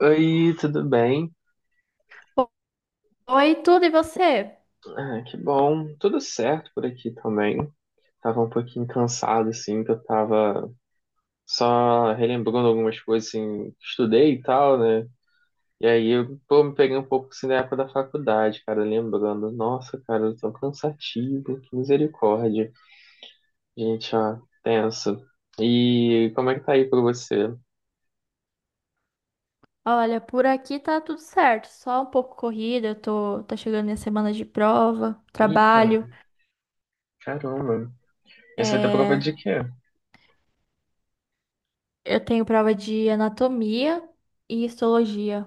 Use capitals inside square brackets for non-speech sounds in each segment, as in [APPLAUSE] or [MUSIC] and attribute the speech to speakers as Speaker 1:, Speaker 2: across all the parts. Speaker 1: Oi, tudo bem?
Speaker 2: Oi, tudo e você?
Speaker 1: Ah, que bom. Tudo certo por aqui também. Tava um pouquinho cansado, assim, que eu tava só relembrando algumas coisas, assim, que estudei e tal, né? E aí eu, pô, me peguei um pouco, assim, da época da faculdade, cara, lembrando. Nossa, cara, eu tô cansativo, que misericórdia. Gente, ó, tenso. E como é que tá aí pra você?
Speaker 2: Olha, por aqui tá tudo certo, só um pouco corrida, tá chegando minha semana de prova,
Speaker 1: Eita,
Speaker 2: trabalho,
Speaker 1: caramba. Essa vai ter prova
Speaker 2: é,
Speaker 1: de quê?
Speaker 2: eu tenho prova de anatomia e histologia,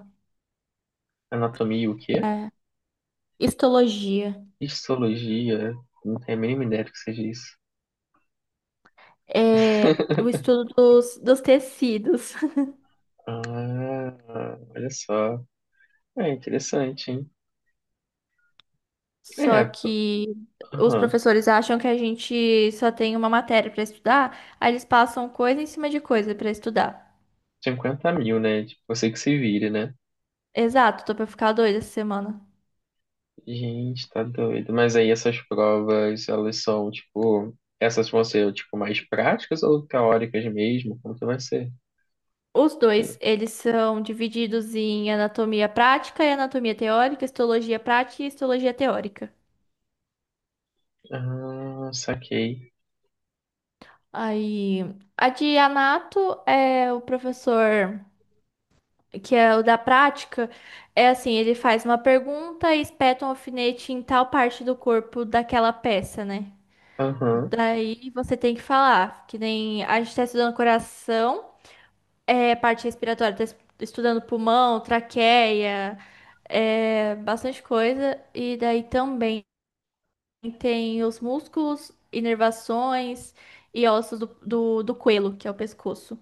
Speaker 1: Anatomia e o quê?
Speaker 2: é, histologia,
Speaker 1: Histologia? Não tenho a mínima ideia do que seja isso.
Speaker 2: é o estudo dos, dos tecidos, [LAUGHS]
Speaker 1: Ah, olha só. É interessante, hein?
Speaker 2: só
Speaker 1: É,
Speaker 2: que os
Speaker 1: aham.
Speaker 2: professores acham que a gente só tem uma matéria pra estudar, aí eles passam coisa em cima de coisa pra estudar.
Speaker 1: 50 mil, né? Tipo, você que se vire, né?
Speaker 2: Exato, tô pra ficar doida essa semana.
Speaker 1: Gente, tá doido. Mas aí essas provas, elas são, tipo, essas vão ser, tipo, mais práticas ou teóricas mesmo? Como que vai ser?
Speaker 2: Os dois,
Speaker 1: Que-
Speaker 2: eles são divididos em anatomia prática e anatomia teórica, histologia prática e histologia teórica.
Speaker 1: Ah, saquei.
Speaker 2: Aí, a de anato é o professor que é o da prática, é assim, ele faz uma pergunta e espeta um alfinete em tal parte do corpo daquela peça, né?
Speaker 1: Aham.
Speaker 2: Daí você tem que falar, que nem a gente tá estudando coração, é parte respiratória, estudando pulmão, traqueia, é, bastante coisa. E daí também tem os músculos, inervações e ossos do, do coelho, que é o pescoço.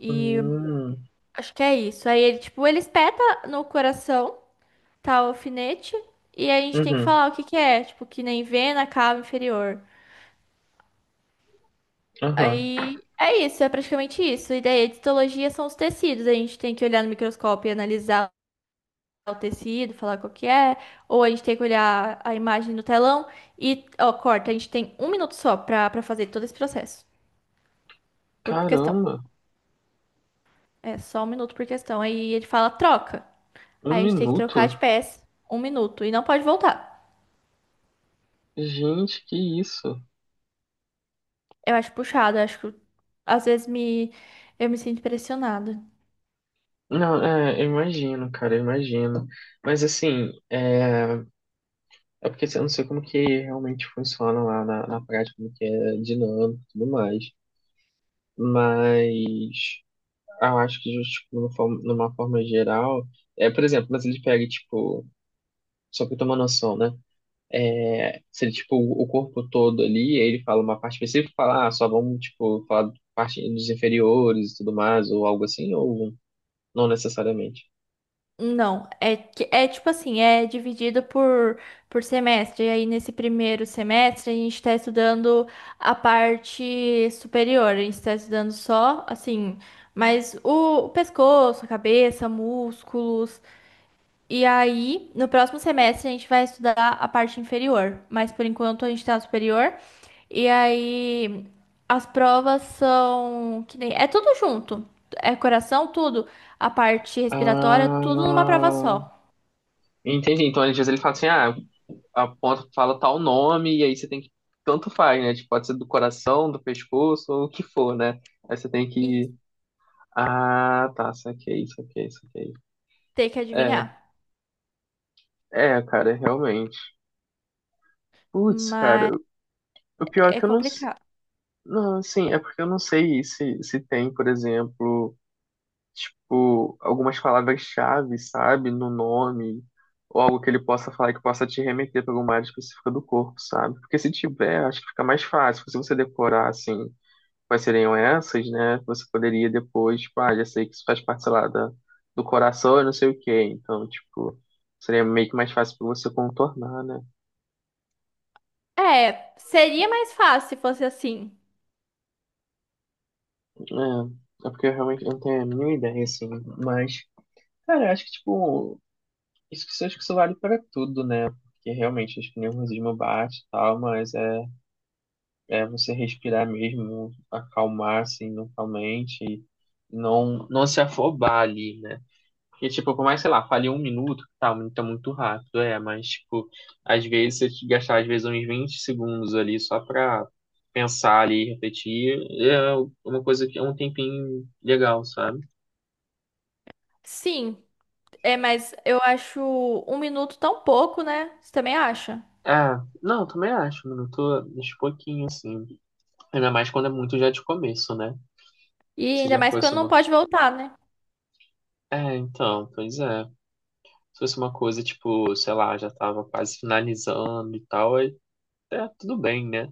Speaker 2: E
Speaker 1: Hum.
Speaker 2: acho que é isso. Aí ele, tipo, ele espeta no coração, tá, o alfinete, e a gente tem que
Speaker 1: Uhum.
Speaker 2: falar o que que é, tipo, que nem vena, cava inferior.
Speaker 1: Aham.
Speaker 2: Aí é isso, é praticamente isso. E daí a histologia são os tecidos, a gente tem que olhar no microscópio e analisar o tecido, falar qual que é, ou a gente tem que olhar a imagem no telão e, ó, corta, a gente tem um minuto só pra, pra fazer todo esse processo, por questão.
Speaker 1: Caramba,
Speaker 2: É só um minuto por questão. Aí ele fala troca. Aí
Speaker 1: um
Speaker 2: a gente tem que
Speaker 1: minuto?
Speaker 2: trocar de peça, um minuto, e não pode voltar.
Speaker 1: Gente, que isso?
Speaker 2: Eu acho puxado, eu acho que às vezes me, eu me sinto pressionada.
Speaker 1: Não, é, eu imagino, cara, eu imagino. Mas assim, é. É porque assim, eu não sei como que realmente funciona lá na prática, como que é dinâmico e tudo mais. Mas eu acho que tipo, numa forma geral, é, por exemplo, mas ele pega, tipo, só pra eu ter uma noção, né? É, se ele, tipo, o corpo todo ali, aí ele fala uma parte específica, e fala, ah, só vamos, tipo, parte dos inferiores e tudo mais, ou algo assim, ou não necessariamente.
Speaker 2: Não, é, é tipo assim, é dividido por semestre. E aí, nesse primeiro semestre, a gente está estudando a parte superior. A gente está estudando só, assim, mas o pescoço, a cabeça, músculos. E aí, no próximo semestre, a gente vai estudar a parte inferior, mas por enquanto a gente está superior. E aí, as provas são que nem. É tudo junto. É coração, tudo. A parte respiratória, tudo numa prova
Speaker 1: Ah,
Speaker 2: só.
Speaker 1: entendi. Então, às vezes ele fala assim, ah, aponta, fala tal nome, e aí você tem que. Tanto faz, né? Tipo, pode ser do coração, do pescoço, ou o que for, né? Aí você tem
Speaker 2: E
Speaker 1: que. Ah, tá, saquei, saquei, saquei.
Speaker 2: ter que
Speaker 1: É,
Speaker 2: adivinhar.
Speaker 1: é, cara, realmente. Putz, cara,
Speaker 2: Mas
Speaker 1: o pior é
Speaker 2: é
Speaker 1: que eu não.
Speaker 2: complicado.
Speaker 1: Não, assim, é porque eu não sei se, se tem, por exemplo, tipo, algumas palavras-chave, sabe? No nome, ou algo que ele possa falar que possa te remeter para alguma área específica do corpo, sabe? Porque se tiver, acho que fica mais fácil se você decorar, assim. Quais seriam essas, né? Você poderia depois, tipo, ah, já sei que isso faz parte, sei lá, do coração e não sei o quê. Então, tipo, seria meio que mais fácil pra você contornar, né?
Speaker 2: É, seria mais fácil se fosse assim.
Speaker 1: É, é porque eu realmente não tenho a mínima ideia, assim. Mas, cara, eu acho que, tipo, acho que isso vale pra tudo, né? Porque realmente acho que o nervosismo bate e tal, mas é você respirar mesmo, acalmar, assim, mentalmente, e não se afobar ali, né? Porque, tipo, por mais, sei lá, falhei 1 minuto, tá, 1 minuto é muito rápido, é, mas, tipo, às vezes você te gastar, às vezes, uns 20 segundos ali só pra pensar ali, refletir, é uma coisa que é um tempinho legal, sabe?
Speaker 2: Sim, é, mas eu acho um minuto tão pouco, né? Você também acha?
Speaker 1: Ah, não, também acho, mano, eu tô uns pouquinho, assim, ainda mais quando é muito já de começo, né?
Speaker 2: E
Speaker 1: Se
Speaker 2: ainda
Speaker 1: já
Speaker 2: mais
Speaker 1: fosse
Speaker 2: quando não
Speaker 1: uma...
Speaker 2: pode voltar, né?
Speaker 1: É, então, pois é. Se fosse uma coisa, tipo, sei lá, já tava quase finalizando e tal, aí, é, tudo bem, né?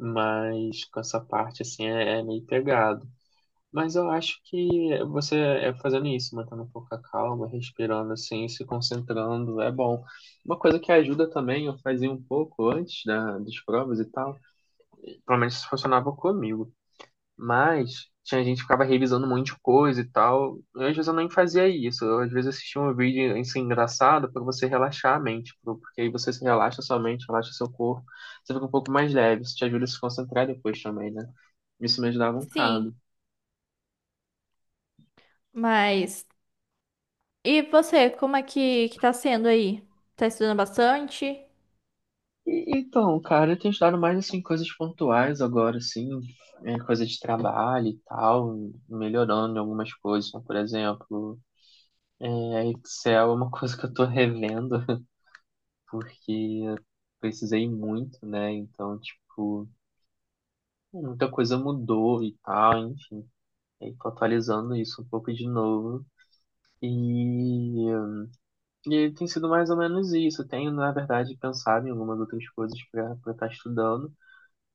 Speaker 1: Mas com essa parte assim é meio pegado. Mas eu acho que você é fazendo isso, mantendo um pouco a calma, respirando assim, se concentrando, é bom. Uma coisa que ajuda também, eu fazia um pouco antes das provas e tal, pelo menos isso funcionava comigo. Mas tinha gente que ficava revisando um monte de coisa e tal. E às vezes eu nem fazia isso. Eu, às vezes assistia um vídeo assim, engraçado para você relaxar a mente, porque aí você se relaxa sua mente, relaxa seu corpo, você fica um pouco mais leve, isso te ajuda a se concentrar depois também, né? Isso me ajudava um
Speaker 2: Sim.
Speaker 1: bocado.
Speaker 2: Mas e você, como é que tá sendo aí? Tá estudando bastante?
Speaker 1: E, então, cara, eu tenho estudado mais assim coisas pontuais agora, assim, é, coisa de trabalho e tal, melhorando em algumas coisas. Então, por exemplo, é, Excel é uma [LAUGHS] coisa que eu tô revendo. Porque eu precisei muito, né? Então, tipo, muita coisa mudou e tal, enfim. E aí tô atualizando isso um pouco de novo. E, e tem sido mais ou menos isso. Eu tenho, na verdade, pensado em algumas outras coisas para estar estudando.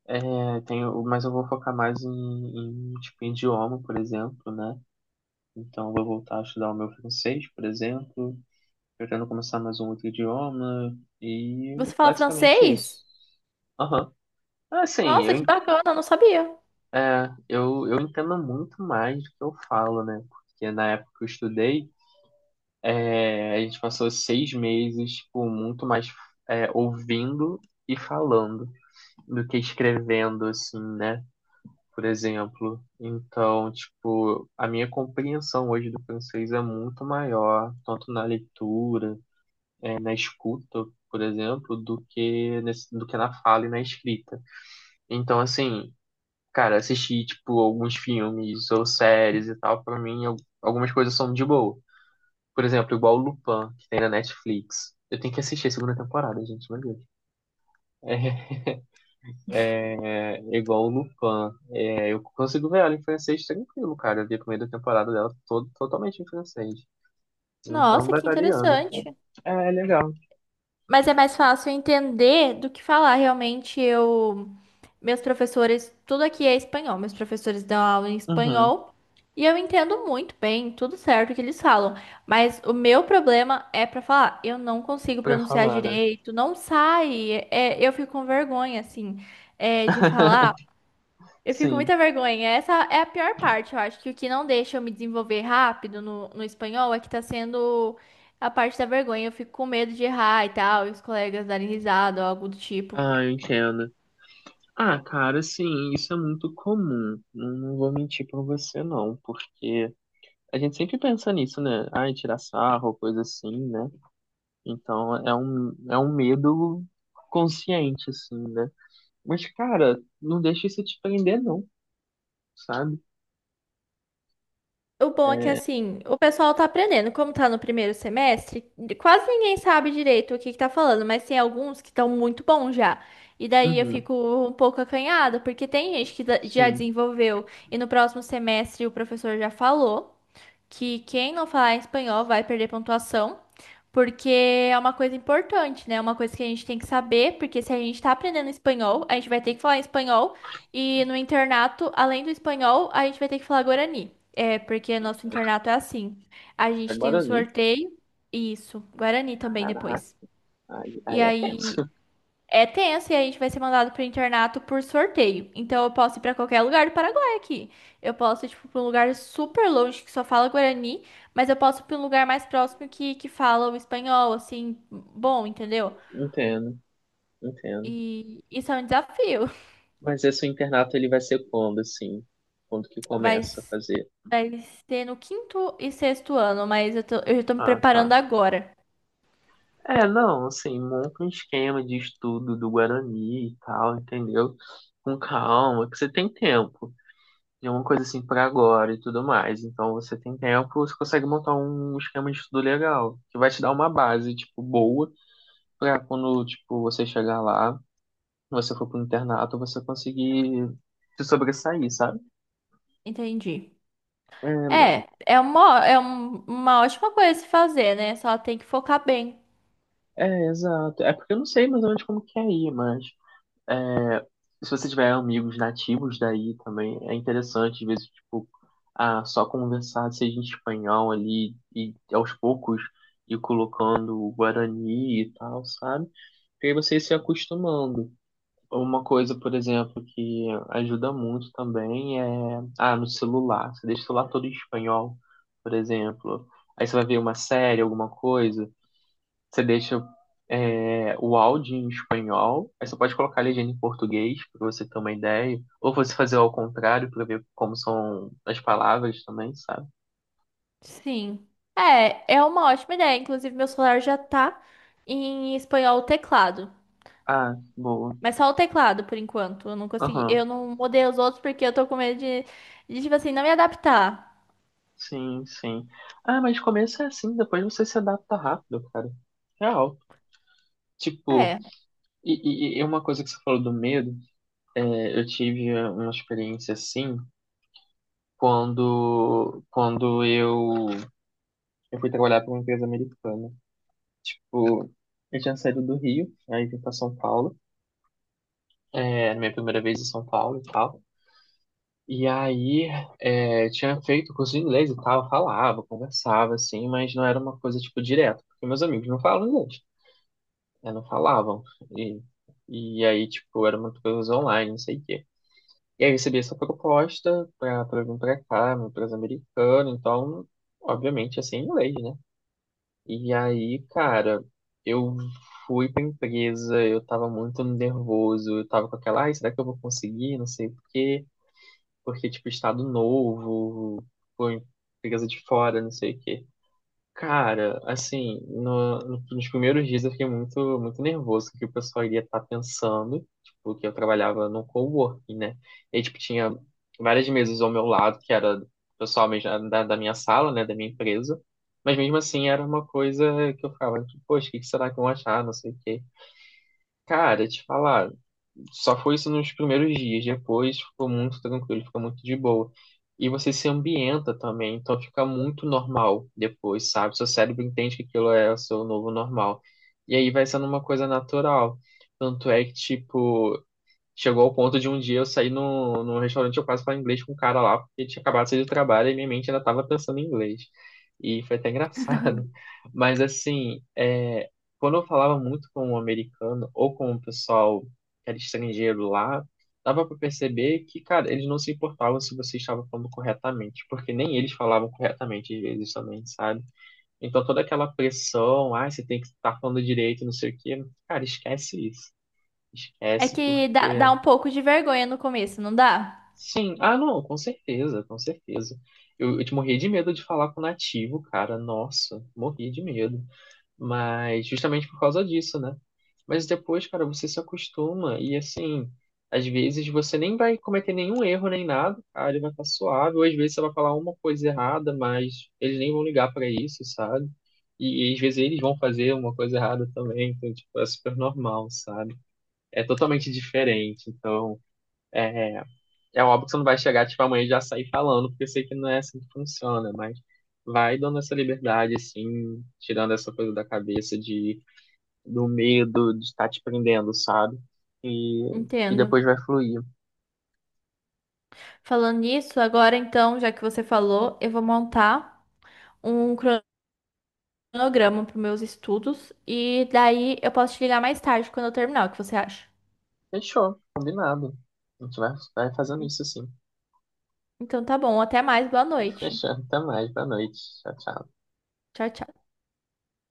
Speaker 1: É, tenho, mas eu vou focar mais em, tipo, em idioma, por exemplo, né? Então, eu vou voltar a estudar o meu francês, por exemplo. Pretendo começar mais um outro idioma. E
Speaker 2: Você fala
Speaker 1: basicamente
Speaker 2: francês?
Speaker 1: isso. Aham. Assim,
Speaker 2: Nossa,
Speaker 1: eu,
Speaker 2: que bacana, eu não sabia.
Speaker 1: é, eu entendo muito mais do que eu falo, né? Porque na época que eu estudei, é, a gente passou 6 meses, tipo, muito mais é, ouvindo e falando do que escrevendo, assim, né? Por exemplo. Então, tipo, a minha compreensão hoje do francês é muito maior, tanto na leitura, é, na escuta, por exemplo, do que, nesse, do que na fala e na escrita. Então, assim, cara, assistir, tipo, alguns filmes ou séries e tal, pra mim, algumas coisas são de boa. Por exemplo, igual o Lupin, que tem na Netflix. Eu tenho que assistir a segunda temporada, gente, meu Deus. É, é, igual o Lupin. É, eu consigo ver ela em francês tranquilo, cara. Eu vi a primeira temporada dela todo, totalmente em francês. Então,
Speaker 2: Nossa, que
Speaker 1: batalhando.
Speaker 2: interessante.
Speaker 1: É, é legal.
Speaker 2: Mas é mais fácil entender do que falar. Realmente, meus professores, tudo aqui é espanhol. Meus professores dão aula em
Speaker 1: Uhum.
Speaker 2: espanhol e eu entendo muito bem, tudo certo que eles falam. Mas o meu problema é para falar. Eu não consigo
Speaker 1: Pra
Speaker 2: pronunciar
Speaker 1: falar, né?
Speaker 2: direito, não sai. É, eu fico com vergonha, assim, é, de falar.
Speaker 1: [LAUGHS]
Speaker 2: Eu fico com
Speaker 1: Sim.
Speaker 2: muita vergonha. Essa é a pior parte. Eu acho que o que não deixa eu me desenvolver rápido no espanhol é que tá sendo a parte da vergonha. Eu fico com medo de errar e tal, e os colegas darem risada ou algo do tipo.
Speaker 1: Ah, eu entendo. Ah, cara, sim, isso é muito comum. Não vou mentir pra você, não, porque a gente sempre pensa nisso, né? Ai, tirar sarro, coisa assim, né? Então é um medo consciente, assim, né? Mas, cara, não, deixa isso te prender, não, sabe?
Speaker 2: O bom é que, assim, o pessoal tá aprendendo. Como tá no primeiro semestre, quase ninguém sabe direito o que que tá falando, mas tem alguns que estão muito bons já. E daí eu
Speaker 1: Uhum,
Speaker 2: fico um pouco acanhada, porque tem gente que já
Speaker 1: sim.
Speaker 2: desenvolveu e no próximo semestre o professor já falou que quem não falar espanhol vai perder pontuação. Porque é uma coisa importante, né? É uma coisa que a gente tem que saber, porque se a gente tá aprendendo espanhol, a gente vai ter que falar espanhol. E no internato, além do espanhol, a gente vai ter que falar guarani. É, porque nosso internato é assim. A gente tem
Speaker 1: Agora
Speaker 2: um
Speaker 1: ali,
Speaker 2: sorteio. Isso, guarani também
Speaker 1: caraca,
Speaker 2: depois.
Speaker 1: aí,
Speaker 2: E
Speaker 1: aí é
Speaker 2: aí
Speaker 1: tenso. [LAUGHS]
Speaker 2: é tenso e a gente vai ser mandado pro internato por sorteio. Então eu posso ir pra qualquer lugar do Paraguai aqui. Eu posso ir, tipo, pra um lugar super longe que só fala Guarani, mas eu posso ir pra um lugar mais próximo que fala o espanhol, assim, bom, entendeu?
Speaker 1: Entendo, entendo.
Speaker 2: E isso é um desafio.
Speaker 1: Mas esse internato ele vai ser quando, assim? Quando que
Speaker 2: [LAUGHS] Vai,
Speaker 1: começa a
Speaker 2: s-
Speaker 1: fazer?
Speaker 2: vai ser no quinto e sexto ano, mas eu já tô me
Speaker 1: Ah, tá.
Speaker 2: preparando agora.
Speaker 1: É, não, assim, monta um esquema de estudo do Guarani e tal, entendeu? Com calma, que você tem tempo. É uma coisa assim para agora e tudo mais. Então você tem tempo, você consegue montar um esquema de estudo legal, que vai te dar uma base, tipo, boa, pra quando, tipo, você chegar lá, você for pro internato, você conseguir se sobressair, sabe?
Speaker 2: Entendi.
Speaker 1: É,
Speaker 2: É uma ótima coisa a se fazer, né? Só tem que focar bem.
Speaker 1: é, exato. É porque eu não sei mais ou menos como que é aí, mas se você tiver amigos nativos daí também, é interessante, às vezes, tipo, ah, só conversar, seja em espanhol ali, e aos poucos ir colocando o guarani e tal, sabe? E aí você ir se acostumando. Uma coisa, por exemplo, que ajuda muito também é, ah, no celular, você deixa o celular todo em espanhol, por exemplo. Aí você vai ver uma série, alguma coisa, você deixa é, o áudio em espanhol, aí você pode colocar a legenda em português, para você ter uma ideia. Ou você fazer ao contrário, para ver como são as palavras também, sabe?
Speaker 2: Sim. É, é uma ótima ideia. Inclusive, meu celular já tá em espanhol o teclado.
Speaker 1: Ah, boa.
Speaker 2: Mas só o teclado, por enquanto. Eu não consegui.
Speaker 1: Aham.
Speaker 2: Eu não mudei os outros porque eu tô com medo de tipo assim, não me adaptar.
Speaker 1: Sim, sim. Ah, mas começa assim, depois você se adapta rápido, cara. Real. Tipo,
Speaker 2: É.
Speaker 1: e, e uma coisa que você falou do medo, é, eu tive uma experiência assim quando eu fui trabalhar para uma empresa americana. Tipo, eu tinha saído do Rio, aí vim pra São Paulo. É, minha primeira vez em São Paulo e tal. E aí, é, eu tinha feito curso de inglês e tal, eu falava, conversava, assim, mas não era uma coisa, tipo, direta, porque meus amigos não falam inglês, né, não falavam. E, e aí, tipo, era uma coisa online, não sei o quê. E aí, eu recebi essa proposta pra vir pra cá, uma empresa americana, então, obviamente, ia ser em inglês, né? E aí, cara, eu fui pra empresa, eu tava muito nervoso, eu tava com aquela, ai, será que eu vou conseguir? Não sei o quê, porque, tipo, estado novo, pô, empresa de fora, não sei o quê. Cara, assim, nos primeiros dias eu fiquei muito, muito nervoso com o que o pessoal iria estar pensando, tipo, que eu trabalhava num coworking, né? E, aí, tipo, tinha várias mesas ao meu lado, que era do pessoal mesmo da minha sala, né, da minha empresa, mas mesmo assim era uma coisa que eu ficava, tipo, poxa, o que que será que vão achar, não sei o quê. Cara, te falar, só foi isso nos primeiros dias. Depois ficou muito tranquilo, fica muito de boa. E você se ambienta também, então fica muito normal depois, sabe? Seu cérebro entende que aquilo é o seu novo normal. E aí vai sendo uma coisa natural. Tanto é que, tipo, chegou ao ponto de um dia eu sair no restaurante, eu quase falar inglês com um cara lá, porque tinha acabado de sair do trabalho e minha mente ainda estava pensando em inglês. E foi até engraçado. [LAUGHS] Mas assim, é, quando eu falava muito com um americano ou com o pessoal que era estrangeiro lá, dava para perceber que, cara, eles não se importavam se você estava falando corretamente, porque nem eles falavam corretamente às vezes também, sabe? Então toda aquela pressão, ah, você tem que estar falando direito, não sei o quê, cara, esquece isso.
Speaker 2: É
Speaker 1: Esquece
Speaker 2: que dá,
Speaker 1: porque.
Speaker 2: dá um pouco de vergonha no começo, não dá?
Speaker 1: Sim, ah não, com certeza, com certeza. Eu te morria de medo de falar com nativo, cara, nossa, morria de medo. Mas justamente por causa disso, né? Mas depois, cara, você se acostuma e assim, às vezes você nem vai cometer nenhum erro nem nada, cara, ele vai estar suave, ou às vezes você vai falar uma coisa errada, mas eles nem vão ligar pra isso, sabe? E às vezes eles vão fazer uma coisa errada também, então, tipo, é super normal, sabe? É totalmente diferente, então. é é óbvio que você não vai chegar, tipo, amanhã e já sair falando, porque eu sei que não é assim que funciona, mas vai dando essa liberdade, assim, tirando essa coisa da cabeça de, do medo de estar te prendendo, sabe? E que
Speaker 2: Entendo.
Speaker 1: depois vai fluir.
Speaker 2: Falando nisso, agora então, já que você falou, eu vou montar um cronograma para meus estudos e daí eu posso te ligar mais tarde quando eu terminar, o que você acha?
Speaker 1: Fechou, combinado. A gente vai, vai fazendo isso, assim.
Speaker 2: Então tá bom, até mais, boa noite.
Speaker 1: Fechando, até mais, boa noite. Tchau, tchau.
Speaker 2: Tchau, tchau.